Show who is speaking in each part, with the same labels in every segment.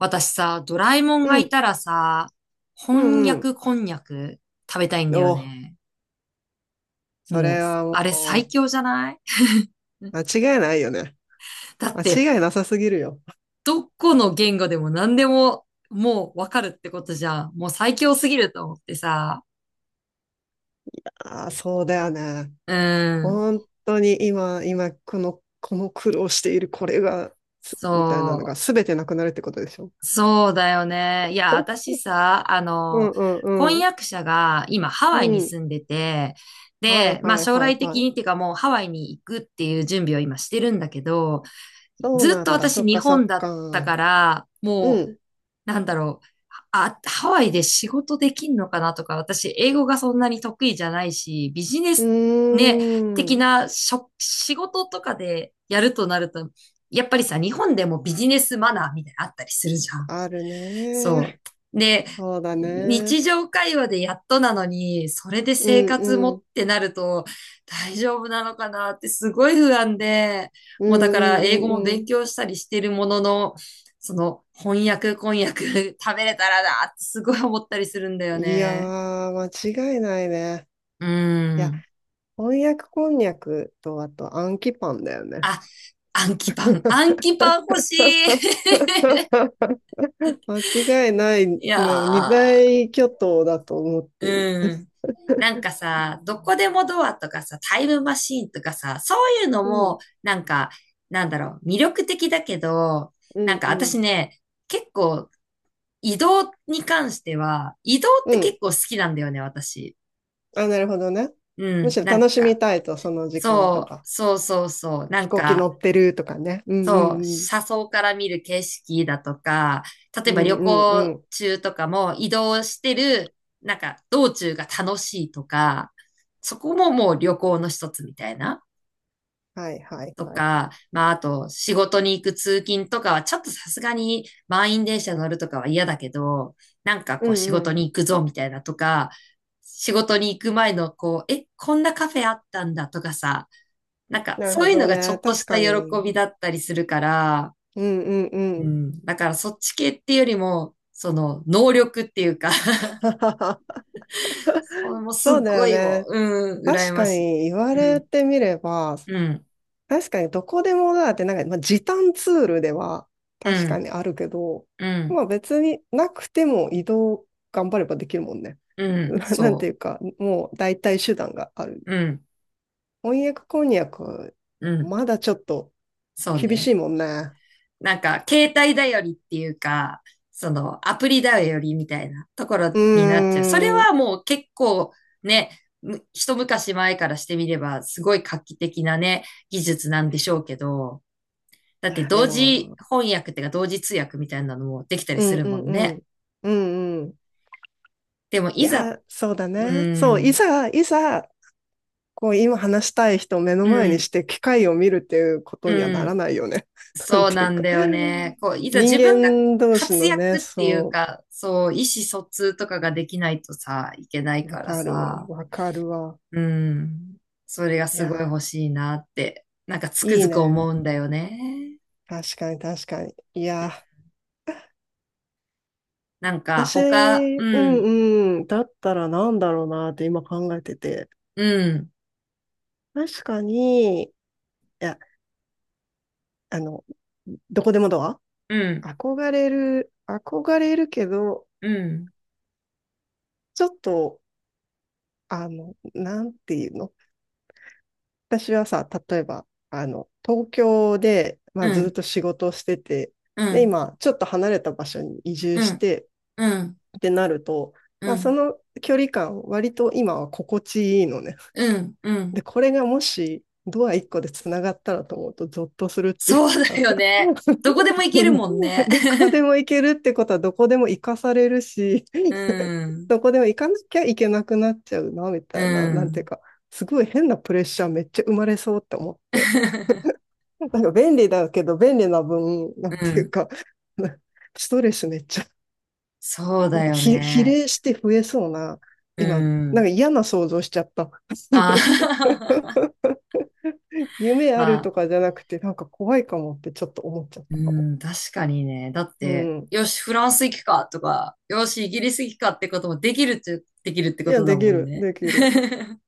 Speaker 1: 私さ、ドラえもん
Speaker 2: う
Speaker 1: がい
Speaker 2: ん、
Speaker 1: たらさ、
Speaker 2: う
Speaker 1: 翻
Speaker 2: ん、うん。
Speaker 1: 訳こんにゃく食べたいんだ
Speaker 2: お、
Speaker 1: よね。
Speaker 2: そ
Speaker 1: もう、
Speaker 2: れは
Speaker 1: あれ
Speaker 2: も
Speaker 1: 最
Speaker 2: う、
Speaker 1: 強じゃない？
Speaker 2: 間違いないよね。
Speaker 1: だって、
Speaker 2: 間違いなさすぎるよ。
Speaker 1: どこの言語でも何でももうわかるってことじゃん。もう最強すぎると思ってさ。
Speaker 2: ああ、そうだよね。
Speaker 1: うん。
Speaker 2: 本当に今、この苦労しているこれが、すみたいなのが
Speaker 1: そ
Speaker 2: 全てなくなるってことでしょ。
Speaker 1: う。そうだよね。いや、私さ、
Speaker 2: うんうんう
Speaker 1: 婚
Speaker 2: ん。
Speaker 1: 約者が今ハ
Speaker 2: う
Speaker 1: ワイに
Speaker 2: ん。
Speaker 1: 住んでて、
Speaker 2: はい
Speaker 1: で、まあ
Speaker 2: はい
Speaker 1: 将
Speaker 2: はい
Speaker 1: 来
Speaker 2: は
Speaker 1: 的
Speaker 2: い。
Speaker 1: にっていうかもうハワイに行くっていう準備を今してるんだけど、
Speaker 2: そう
Speaker 1: ずっ
Speaker 2: な
Speaker 1: と
Speaker 2: んだ。そ
Speaker 1: 私
Speaker 2: っ
Speaker 1: 日
Speaker 2: かそ
Speaker 1: 本
Speaker 2: っ
Speaker 1: だった
Speaker 2: か。
Speaker 1: から、
Speaker 2: う
Speaker 1: も
Speaker 2: ん。
Speaker 1: う、なんだろう。あ、ハワイで仕事できんのかなとか、私、英語がそんなに得意じゃないし、ビジネ
Speaker 2: う
Speaker 1: スね、
Speaker 2: ー
Speaker 1: 的
Speaker 2: ん。
Speaker 1: な仕事とかでやるとなると、やっぱりさ、日本でもビジネスマナーみたいなのあったりするじゃん。
Speaker 2: あるね。
Speaker 1: そう。で、
Speaker 2: そうだね。
Speaker 1: 日常会話でやっとなのに、それで
Speaker 2: う
Speaker 1: 生
Speaker 2: ん
Speaker 1: 活も
Speaker 2: う
Speaker 1: っ
Speaker 2: ん。
Speaker 1: てなると大丈夫なのかなってすごい不安で、
Speaker 2: うん
Speaker 1: もうだか
Speaker 2: う
Speaker 1: ら
Speaker 2: んう
Speaker 1: 英語も
Speaker 2: んう
Speaker 1: 勉
Speaker 2: ん。
Speaker 1: 強したりしてるものの、その翻訳 食べれたらなってすごい思ったりするんだよ
Speaker 2: いや
Speaker 1: ね。
Speaker 2: ー、間違いないね。
Speaker 1: う
Speaker 2: いや、
Speaker 1: ん。
Speaker 2: 翻訳こんにゃくと、あと、アンキパンだよね。
Speaker 1: あ、暗記パン欲しい。
Speaker 2: 間違いない、
Speaker 1: いや
Speaker 2: な二
Speaker 1: ー。
Speaker 2: 大巨頭だと思ってる。
Speaker 1: うん。なんかさ、どこでもドアとかさ、タイムマシーンとかさ、そういうの
Speaker 2: うん、
Speaker 1: も、なんか、なんだろう、魅力的だけど、
Speaker 2: う
Speaker 1: なん
Speaker 2: ん、
Speaker 1: か
Speaker 2: う
Speaker 1: 私
Speaker 2: ん。
Speaker 1: ね、結構移動に関しては、移動っ
Speaker 2: う
Speaker 1: て
Speaker 2: ん。
Speaker 1: 結構好きなんだよね、私。
Speaker 2: あ、なるほどね。
Speaker 1: う
Speaker 2: む
Speaker 1: ん、
Speaker 2: しろ
Speaker 1: なん
Speaker 2: 楽しみ
Speaker 1: か、
Speaker 2: たいと、その時間と
Speaker 1: そ
Speaker 2: か。
Speaker 1: う、そうそうそう、な
Speaker 2: 飛
Speaker 1: ん
Speaker 2: 行機
Speaker 1: か、
Speaker 2: 乗ってるとかね。うん、うん、
Speaker 1: そう、
Speaker 2: うん。
Speaker 1: 車窓から見る景色だとか、例え
Speaker 2: う
Speaker 1: ば
Speaker 2: ん、
Speaker 1: 旅
Speaker 2: うん、う
Speaker 1: 行
Speaker 2: ん。
Speaker 1: 中とかも移動してる、なんか道中が楽しいとか、そこももう旅行の一つみたいな。
Speaker 2: はい、はい、
Speaker 1: と
Speaker 2: はい。
Speaker 1: か、まああと仕事に行く通勤とかはちょっとさすがに満員電車乗るとかは嫌だけど、なんか
Speaker 2: う
Speaker 1: こう仕
Speaker 2: ん、
Speaker 1: 事
Speaker 2: う
Speaker 1: に
Speaker 2: ん。
Speaker 1: 行くぞみたいなとか、仕事に行く前のこう、え、こんなカフェあったんだとかさ、なんか
Speaker 2: なる
Speaker 1: そ
Speaker 2: ほ
Speaker 1: ういうの
Speaker 2: ど
Speaker 1: がちょ
Speaker 2: ね。
Speaker 1: っと
Speaker 2: 確
Speaker 1: した
Speaker 2: か
Speaker 1: 喜び
Speaker 2: に。
Speaker 1: だったりするから、
Speaker 2: うん、うん、う
Speaker 1: う
Speaker 2: ん。
Speaker 1: ん。だからそっち系っていうよりも、その、能力っていうか それもす
Speaker 2: そ
Speaker 1: っ
Speaker 2: うだ
Speaker 1: ご
Speaker 2: よ
Speaker 1: いも
Speaker 2: ね。
Speaker 1: う、うん、羨
Speaker 2: 確
Speaker 1: ま
Speaker 2: か
Speaker 1: し
Speaker 2: に言わ
Speaker 1: い。う
Speaker 2: れ
Speaker 1: ん、
Speaker 2: てみれば、
Speaker 1: うん、
Speaker 2: 確かにどこでもだってなんか、まあ、時短ツールでは
Speaker 1: う
Speaker 2: 確か
Speaker 1: ん、
Speaker 2: にあるけど、
Speaker 1: うん、
Speaker 2: まあ別になくても移動頑張ればできるもんね。
Speaker 1: う ん、
Speaker 2: なんてい
Speaker 1: そ
Speaker 2: うか、もう代替手段がある。
Speaker 1: う、うん、
Speaker 2: 翻訳こんにゃく、
Speaker 1: うん、
Speaker 2: まだちょっと
Speaker 1: そう
Speaker 2: 厳し
Speaker 1: ね。
Speaker 2: いもんね。
Speaker 1: なんか、携帯頼りっていうか、その、アプリ頼りみたいなところにな
Speaker 2: う
Speaker 1: っちゃう。それ
Speaker 2: ーん。い
Speaker 1: はもう結構ね、一昔前からしてみれば、すごい画期的なね、技術なんでしょうけど、だって
Speaker 2: や、で
Speaker 1: 同時
Speaker 2: も、
Speaker 1: 翻訳っていうか同時通訳みたいなのもできたり
Speaker 2: う
Speaker 1: す
Speaker 2: ん
Speaker 1: る
Speaker 2: う
Speaker 1: も
Speaker 2: ん
Speaker 1: ん
Speaker 2: う
Speaker 1: ね。
Speaker 2: ん。うんうん。
Speaker 1: でも
Speaker 2: い
Speaker 1: いざ、
Speaker 2: や、そうだ
Speaker 1: う
Speaker 2: ね。そう、い
Speaker 1: ん、
Speaker 2: ざ、いざ、こう今話したい人を目の
Speaker 1: う
Speaker 2: 前に
Speaker 1: ん、
Speaker 2: して機械を見るっていうこ
Speaker 1: う
Speaker 2: とにはなら
Speaker 1: ん、
Speaker 2: ないよね。なん
Speaker 1: そう
Speaker 2: てい
Speaker 1: な
Speaker 2: う
Speaker 1: ん
Speaker 2: か。
Speaker 1: だよね。こう、いざ
Speaker 2: 人
Speaker 1: 自分が
Speaker 2: 間同士
Speaker 1: 活
Speaker 2: のね、
Speaker 1: 躍っていう
Speaker 2: そ
Speaker 1: か、そう、意思疎通とかができないとさ、いけない
Speaker 2: う、
Speaker 1: からさ、
Speaker 2: わかるわ。
Speaker 1: うん、それが
Speaker 2: い
Speaker 1: すごい
Speaker 2: や、
Speaker 1: 欲しいなって、なんかつく
Speaker 2: いい
Speaker 1: づく思
Speaker 2: ね。
Speaker 1: うんだよね。
Speaker 2: 確かに確かに。い
Speaker 1: うん。
Speaker 2: や、
Speaker 1: なんか
Speaker 2: 私、
Speaker 1: 他、
Speaker 2: う
Speaker 1: うん、
Speaker 2: んうん、だったらなんだろうなって今考えてて。
Speaker 1: うん、
Speaker 2: 確かに、いや、あの、どこでもドア
Speaker 1: うん、
Speaker 2: 憧れるけど、
Speaker 1: うん、
Speaker 2: ちょっと、あの、なんていうの私はさ、例えば、あの、東京で、ま
Speaker 1: う
Speaker 2: あ、ずっ
Speaker 1: ん、
Speaker 2: と仕事をしてて、
Speaker 1: う
Speaker 2: で、
Speaker 1: ん、
Speaker 2: 今、ちょっと離れた場所に移住
Speaker 1: う
Speaker 2: し
Speaker 1: ん、
Speaker 2: て
Speaker 1: うん、うん、
Speaker 2: ってなると、
Speaker 1: う
Speaker 2: まあ、そ
Speaker 1: ん。
Speaker 2: の距離感、割と今は心地いいのね。
Speaker 1: うん、う
Speaker 2: で、
Speaker 1: ん。
Speaker 2: これがもし、ドア1個でつながったらと思うと、ゾッとするっていう
Speaker 1: そうだ
Speaker 2: か。
Speaker 1: よね。どこでも行けるもん ね。
Speaker 2: どこで も行けるってことは、どこでも行かされるし。
Speaker 1: う ん、
Speaker 2: どこでも行かなきゃいけなくなっちゃうな、み
Speaker 1: う
Speaker 2: たいな、なんていう
Speaker 1: ん。
Speaker 2: か、すごい変なプレッシャーめっちゃ生まれそうって思って。なんか便利だけど、便利な分、なん
Speaker 1: う
Speaker 2: ていう
Speaker 1: ん。
Speaker 2: か、ストレスめっちゃ、
Speaker 1: そう
Speaker 2: な
Speaker 1: だ
Speaker 2: んか
Speaker 1: よ
Speaker 2: 比、比
Speaker 1: ね。
Speaker 2: 例して増えそうな、
Speaker 1: う
Speaker 2: 今、なん
Speaker 1: ん。
Speaker 2: か嫌な想像しちゃった。
Speaker 1: あ あ。
Speaker 2: 夢あ
Speaker 1: ま
Speaker 2: る
Speaker 1: あ、
Speaker 2: とかじゃなくて、なんか怖いかもってちょっと思っちゃっ
Speaker 1: う
Speaker 2: たかも。
Speaker 1: ん、確かにね。だっ
Speaker 2: う
Speaker 1: て、
Speaker 2: ん。
Speaker 1: よし、フランス行くかとか、よし、イギリス行くかってこともできるっちゃ、できるって
Speaker 2: い
Speaker 1: こ
Speaker 2: や、
Speaker 1: とだもんね。
Speaker 2: できる。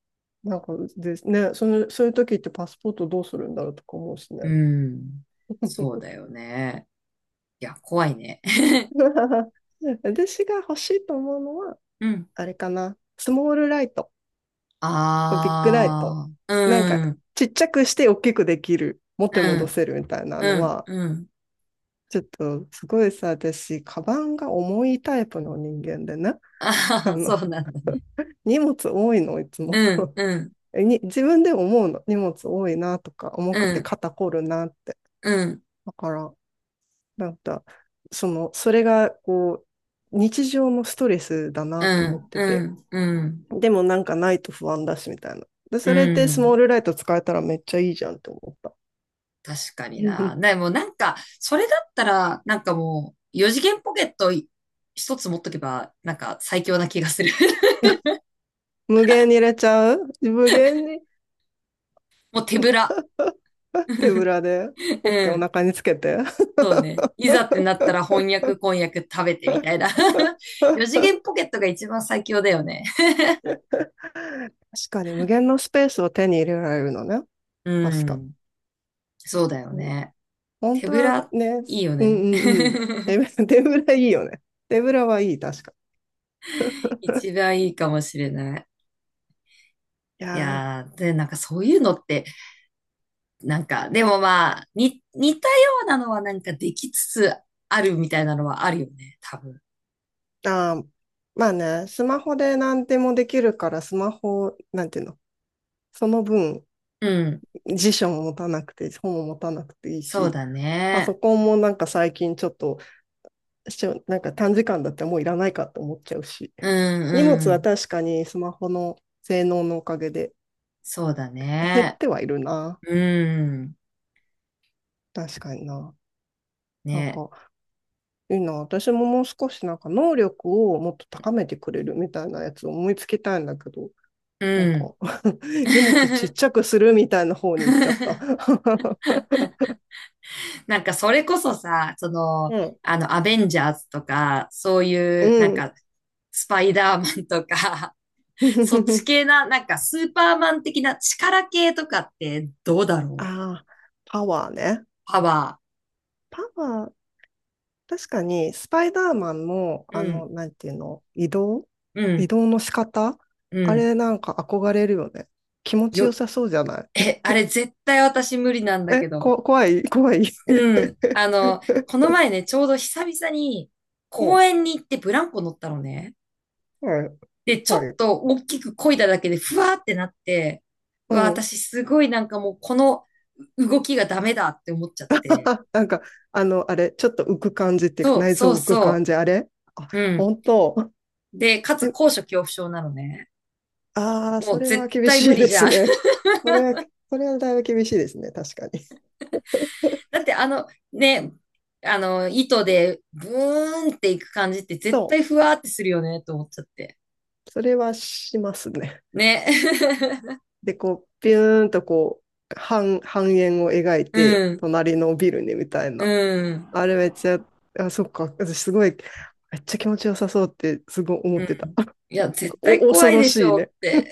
Speaker 2: なんかですね、その、そういう時ってパスポートどうするんだろうとか思うしね。
Speaker 1: うん。そうだ よね。いや、怖いね。
Speaker 2: 私が欲しいと思うのは、
Speaker 1: うん。
Speaker 2: あれかな、スモールライト。とビッグライト。
Speaker 1: ああ、
Speaker 2: なんか、
Speaker 1: うん、
Speaker 2: ちっちゃくして大きくできる、元
Speaker 1: う
Speaker 2: に戻
Speaker 1: ん、
Speaker 2: せるみたいな
Speaker 1: う
Speaker 2: の
Speaker 1: ん、
Speaker 2: は、
Speaker 1: うん。
Speaker 2: ちょっとすごいさ、私、カバンが重いタイプの人間でね、
Speaker 1: あ
Speaker 2: あ
Speaker 1: あー、そ
Speaker 2: の、
Speaker 1: うなんだね。
Speaker 2: 荷物多いの、いつも。
Speaker 1: うん、うん、
Speaker 2: に自分で思うの、荷物多いなとか、重
Speaker 1: う
Speaker 2: くて
Speaker 1: ん、
Speaker 2: 肩こるなって。
Speaker 1: うん、
Speaker 2: だから、なんか、その、それが、こう、日常のストレスだ
Speaker 1: う
Speaker 2: なと思っ
Speaker 1: ん、
Speaker 2: て
Speaker 1: う
Speaker 2: て、
Speaker 1: ん、うん、
Speaker 2: でもなんかないと不安だし、みたいな。で、
Speaker 1: う
Speaker 2: それでスモー
Speaker 1: ん。
Speaker 2: ルライト使えたらめっちゃいいじゃんって思った。
Speaker 1: 確かに
Speaker 2: う
Speaker 1: な。
Speaker 2: ん。
Speaker 1: でもなんか、それだったら、なんかもう、四次元ポケット一つ持っとけば、なんか最強な気がする。
Speaker 2: 無限に入れちゃう無限に
Speaker 1: もう手ぶら。
Speaker 2: 手ぶ らでポッケ
Speaker 1: う
Speaker 2: お
Speaker 1: ん。
Speaker 2: 腹につけて。
Speaker 1: そうね。いざってなったら翻訳、翻訳食べてみたいな。四次
Speaker 2: 確
Speaker 1: 元ポケットが一番最強だよね。
Speaker 2: かに無限のスペースを手に入れられるのね。
Speaker 1: う
Speaker 2: 確か。
Speaker 1: ん。そうだよ
Speaker 2: そう
Speaker 1: ね。
Speaker 2: 本
Speaker 1: 手
Speaker 2: 当
Speaker 1: ぶ
Speaker 2: は
Speaker 1: ら、
Speaker 2: ね、
Speaker 1: いいよ
Speaker 2: うんう
Speaker 1: ね。
Speaker 2: んうん。手 ぶら、手ぶらいいよね。手ぶらはいい、確か。
Speaker 1: 一番いいかもしれない。
Speaker 2: い
Speaker 1: い
Speaker 2: や
Speaker 1: やー、で、なんかそういうのって、なんか、でもまあ、似たようなのはなんかできつつあるみたいなのはあるよね、多分。
Speaker 2: ー、あー、まあね、スマホで何でもできるから、スマホ、なんていうの、その分、
Speaker 1: うん。
Speaker 2: 辞書も持たなくて、本も持たなくていい
Speaker 1: そう
Speaker 2: し、
Speaker 1: だ
Speaker 2: パソ
Speaker 1: ね。
Speaker 2: コンもなんか最近ちょっとしょなんか短時間だったらもういらないかって思っちゃうし。
Speaker 1: う
Speaker 2: 荷物
Speaker 1: んう
Speaker 2: は
Speaker 1: ん。
Speaker 2: 確かにスマホの性能のおかげで
Speaker 1: そうだ
Speaker 2: 減っ
Speaker 1: ね。
Speaker 2: てはいるな。
Speaker 1: うん。
Speaker 2: 確かにな。なん
Speaker 1: ね。
Speaker 2: かいいな。私ももう少しなんか能力をもっと高めてくれるみたいなやつを思いつきたいんだけど、
Speaker 1: う
Speaker 2: なん
Speaker 1: ん。
Speaker 2: か。 荷物ちっちゃくするみたいな方に行っちゃった。
Speaker 1: なんかそれこそさ、その、
Speaker 2: うん。
Speaker 1: アベンジャーズとか、そうい
Speaker 2: う
Speaker 1: う、なん
Speaker 2: ん。
Speaker 1: か、スパイダーマンとか、そっち 系な、なんかスーパーマン的な力系とかってどうだ
Speaker 2: あ
Speaker 1: ろう？
Speaker 2: あ、パワーね。
Speaker 1: パワ
Speaker 2: パワー確かに、スパイダーマンも、
Speaker 1: ー。
Speaker 2: あ
Speaker 1: うん、
Speaker 2: の、なんていうの、
Speaker 1: う
Speaker 2: 移
Speaker 1: ん、
Speaker 2: 動の仕方
Speaker 1: う
Speaker 2: あ
Speaker 1: ん。
Speaker 2: れなんか憧れるよね。気持ちよ
Speaker 1: よ、
Speaker 2: さそうじゃない？
Speaker 1: え、あれ絶対私無理なんだ
Speaker 2: え、
Speaker 1: けど。
Speaker 2: こ、怖い怖い。
Speaker 1: うん。あの、この前ね、ちょうど久々に
Speaker 2: う
Speaker 1: 公
Speaker 2: ん、
Speaker 1: 園に行ってブランコ乗ったのね。
Speaker 2: はい、
Speaker 1: で、ちょっ
Speaker 2: はい。
Speaker 1: と大きく漕いだだけでふわーってなって、う
Speaker 2: う
Speaker 1: わ、
Speaker 2: ん。
Speaker 1: 私すごいなんかもうこの動きがダメだって思っちゃって。
Speaker 2: なんか、あの、あれ、ちょっと浮く感じっていうか、
Speaker 1: そう、
Speaker 2: 内
Speaker 1: そう
Speaker 2: 臓浮く
Speaker 1: そ
Speaker 2: 感じ、あれあ、
Speaker 1: う。うん。
Speaker 2: 本当。
Speaker 1: で、かつ
Speaker 2: え、
Speaker 1: 高所恐怖症なのね。
Speaker 2: ああ、
Speaker 1: も
Speaker 2: そ
Speaker 1: う
Speaker 2: れは
Speaker 1: 絶
Speaker 2: 厳
Speaker 1: 対無
Speaker 2: しい
Speaker 1: 理
Speaker 2: で
Speaker 1: じゃ
Speaker 2: す
Speaker 1: ん。
Speaker 2: ね。それは、それはだいぶ厳しいですね、確かに。
Speaker 1: だっ てあのね、あの糸でブーンっていく感じって絶
Speaker 2: そ
Speaker 1: 対ふわーってするよねと思っちゃって。
Speaker 2: う、それはしますね。
Speaker 1: ね。
Speaker 2: で、こう、ビューンとこう、半円を描い
Speaker 1: う
Speaker 2: て、
Speaker 1: ん、
Speaker 2: 隣のビルにみたい
Speaker 1: う
Speaker 2: な。
Speaker 1: ん、
Speaker 2: あれめっちゃ、あ、そっか、私すごい、めっちゃ気持ちよさそうって、すごい思
Speaker 1: う
Speaker 2: ってた。
Speaker 1: ん。いや、絶対
Speaker 2: お、
Speaker 1: 怖
Speaker 2: 恐
Speaker 1: い
Speaker 2: ろ
Speaker 1: でし
Speaker 2: しい
Speaker 1: ょう
Speaker 2: ね。
Speaker 1: っ
Speaker 2: い
Speaker 1: て。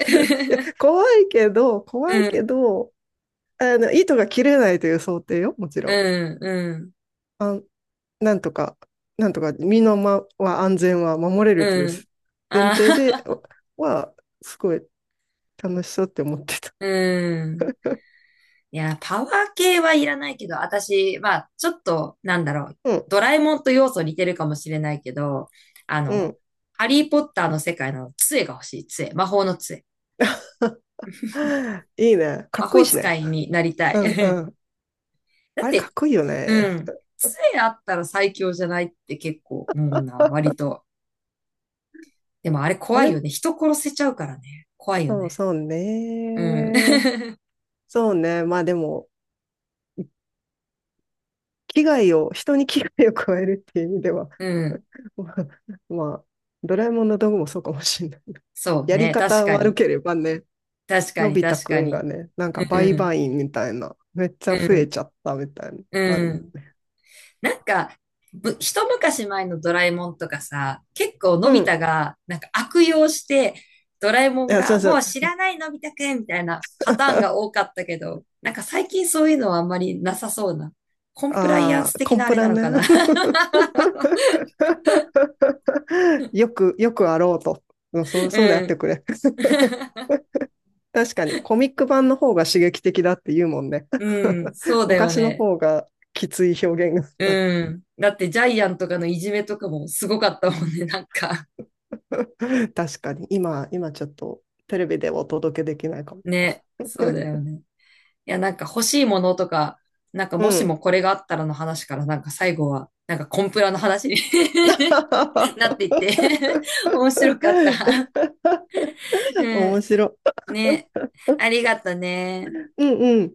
Speaker 2: や、怖
Speaker 1: う
Speaker 2: いけ
Speaker 1: ん、
Speaker 2: ど、あの、糸が切れないという想定よ、もちろ
Speaker 1: う
Speaker 2: ん。
Speaker 1: ん、うん、
Speaker 2: あ、なんとか、なんとか、身のまは安全は守れるという
Speaker 1: うん。
Speaker 2: 前
Speaker 1: あ
Speaker 2: 提で
Speaker 1: あ、
Speaker 2: は、すごい楽しそうって思ってた。
Speaker 1: うん。いや、パワー系はいらないけど、私、まあ、ちょっと、なんだろう、
Speaker 2: うん、
Speaker 1: ドラえもんと要素似てるかもしれないけど、あ
Speaker 2: う
Speaker 1: の、
Speaker 2: ん。
Speaker 1: ハリー・ポッターの世界の杖が欲しい、杖、魔法の杖。
Speaker 2: いいね。か
Speaker 1: 魔
Speaker 2: っこい
Speaker 1: 法
Speaker 2: いし
Speaker 1: 使
Speaker 2: ね。
Speaker 1: いになりたい。
Speaker 2: うんう ん。
Speaker 1: だっ
Speaker 2: あれかっ
Speaker 1: て、
Speaker 2: こいいよ
Speaker 1: う
Speaker 2: ね。
Speaker 1: ん、杖あったら最強じゃないって結構思うな、割と。でもあれ
Speaker 2: あ
Speaker 1: 怖い
Speaker 2: れ、
Speaker 1: よね。人殺せちゃうからね。怖いよ
Speaker 2: そう
Speaker 1: ね。
Speaker 2: そう
Speaker 1: うん。
Speaker 2: ね。そうね。まあでも、危害を、人に危害を加えるっていう意味では、
Speaker 1: うん。
Speaker 2: ままあドラえもんの道具もそうかもしれない。
Speaker 1: そう
Speaker 2: やり
Speaker 1: ね。確
Speaker 2: 方
Speaker 1: か
Speaker 2: 悪
Speaker 1: に。
Speaker 2: ければね、
Speaker 1: 確か
Speaker 2: の
Speaker 1: に、
Speaker 2: び太
Speaker 1: 確
Speaker 2: く
Speaker 1: か
Speaker 2: んが
Speaker 1: に。
Speaker 2: ね、なんか
Speaker 1: う
Speaker 2: 売
Speaker 1: ん。
Speaker 2: 買員みたいな、めっち
Speaker 1: う
Speaker 2: ゃ増え
Speaker 1: ん。
Speaker 2: ちゃったみたいな、ある
Speaker 1: う
Speaker 2: もん。
Speaker 1: ん。なんか、一昔前のドラえもんとかさ、結構の
Speaker 2: う
Speaker 1: び
Speaker 2: ん。
Speaker 1: 太がなんか悪用して、ドラえも
Speaker 2: い
Speaker 1: ん
Speaker 2: や、そ
Speaker 1: が
Speaker 2: うそ
Speaker 1: も
Speaker 2: う。
Speaker 1: う知らないのび太くんみたいなパターンが多かったけど、なんか最近そういうのはあんまりなさそうな。コンプライアン
Speaker 2: Ah,
Speaker 1: ス
Speaker 2: c
Speaker 1: 的
Speaker 2: o m
Speaker 1: なあ
Speaker 2: p
Speaker 1: れ
Speaker 2: r a
Speaker 1: なの
Speaker 2: r。
Speaker 1: かな。
Speaker 2: よくあろうと。うんそう、そうであ
Speaker 1: う
Speaker 2: って
Speaker 1: ん。
Speaker 2: くれ。確かに、コミック版の方が刺激的だって言うもんね。
Speaker 1: うん、そ うだよ
Speaker 2: 昔の
Speaker 1: ね。
Speaker 2: 方がきつい表現があっ
Speaker 1: うん。だってジャイアンとかのいじめとかもすごかったもんね、なんか。
Speaker 2: た。確かに、今ちょっとテレビでお届けできないかも。
Speaker 1: ね、そうだよね。いや、なんか欲しいものとか、なんか
Speaker 2: う
Speaker 1: もし
Speaker 2: ん。
Speaker 1: もこれがあったらの話から、なんか最後は、なんかコンプラの話に なっていっ て 面白かった。う
Speaker 2: 面
Speaker 1: ん。
Speaker 2: 白い。
Speaker 1: ね。ありがとね。
Speaker 2: うんうん。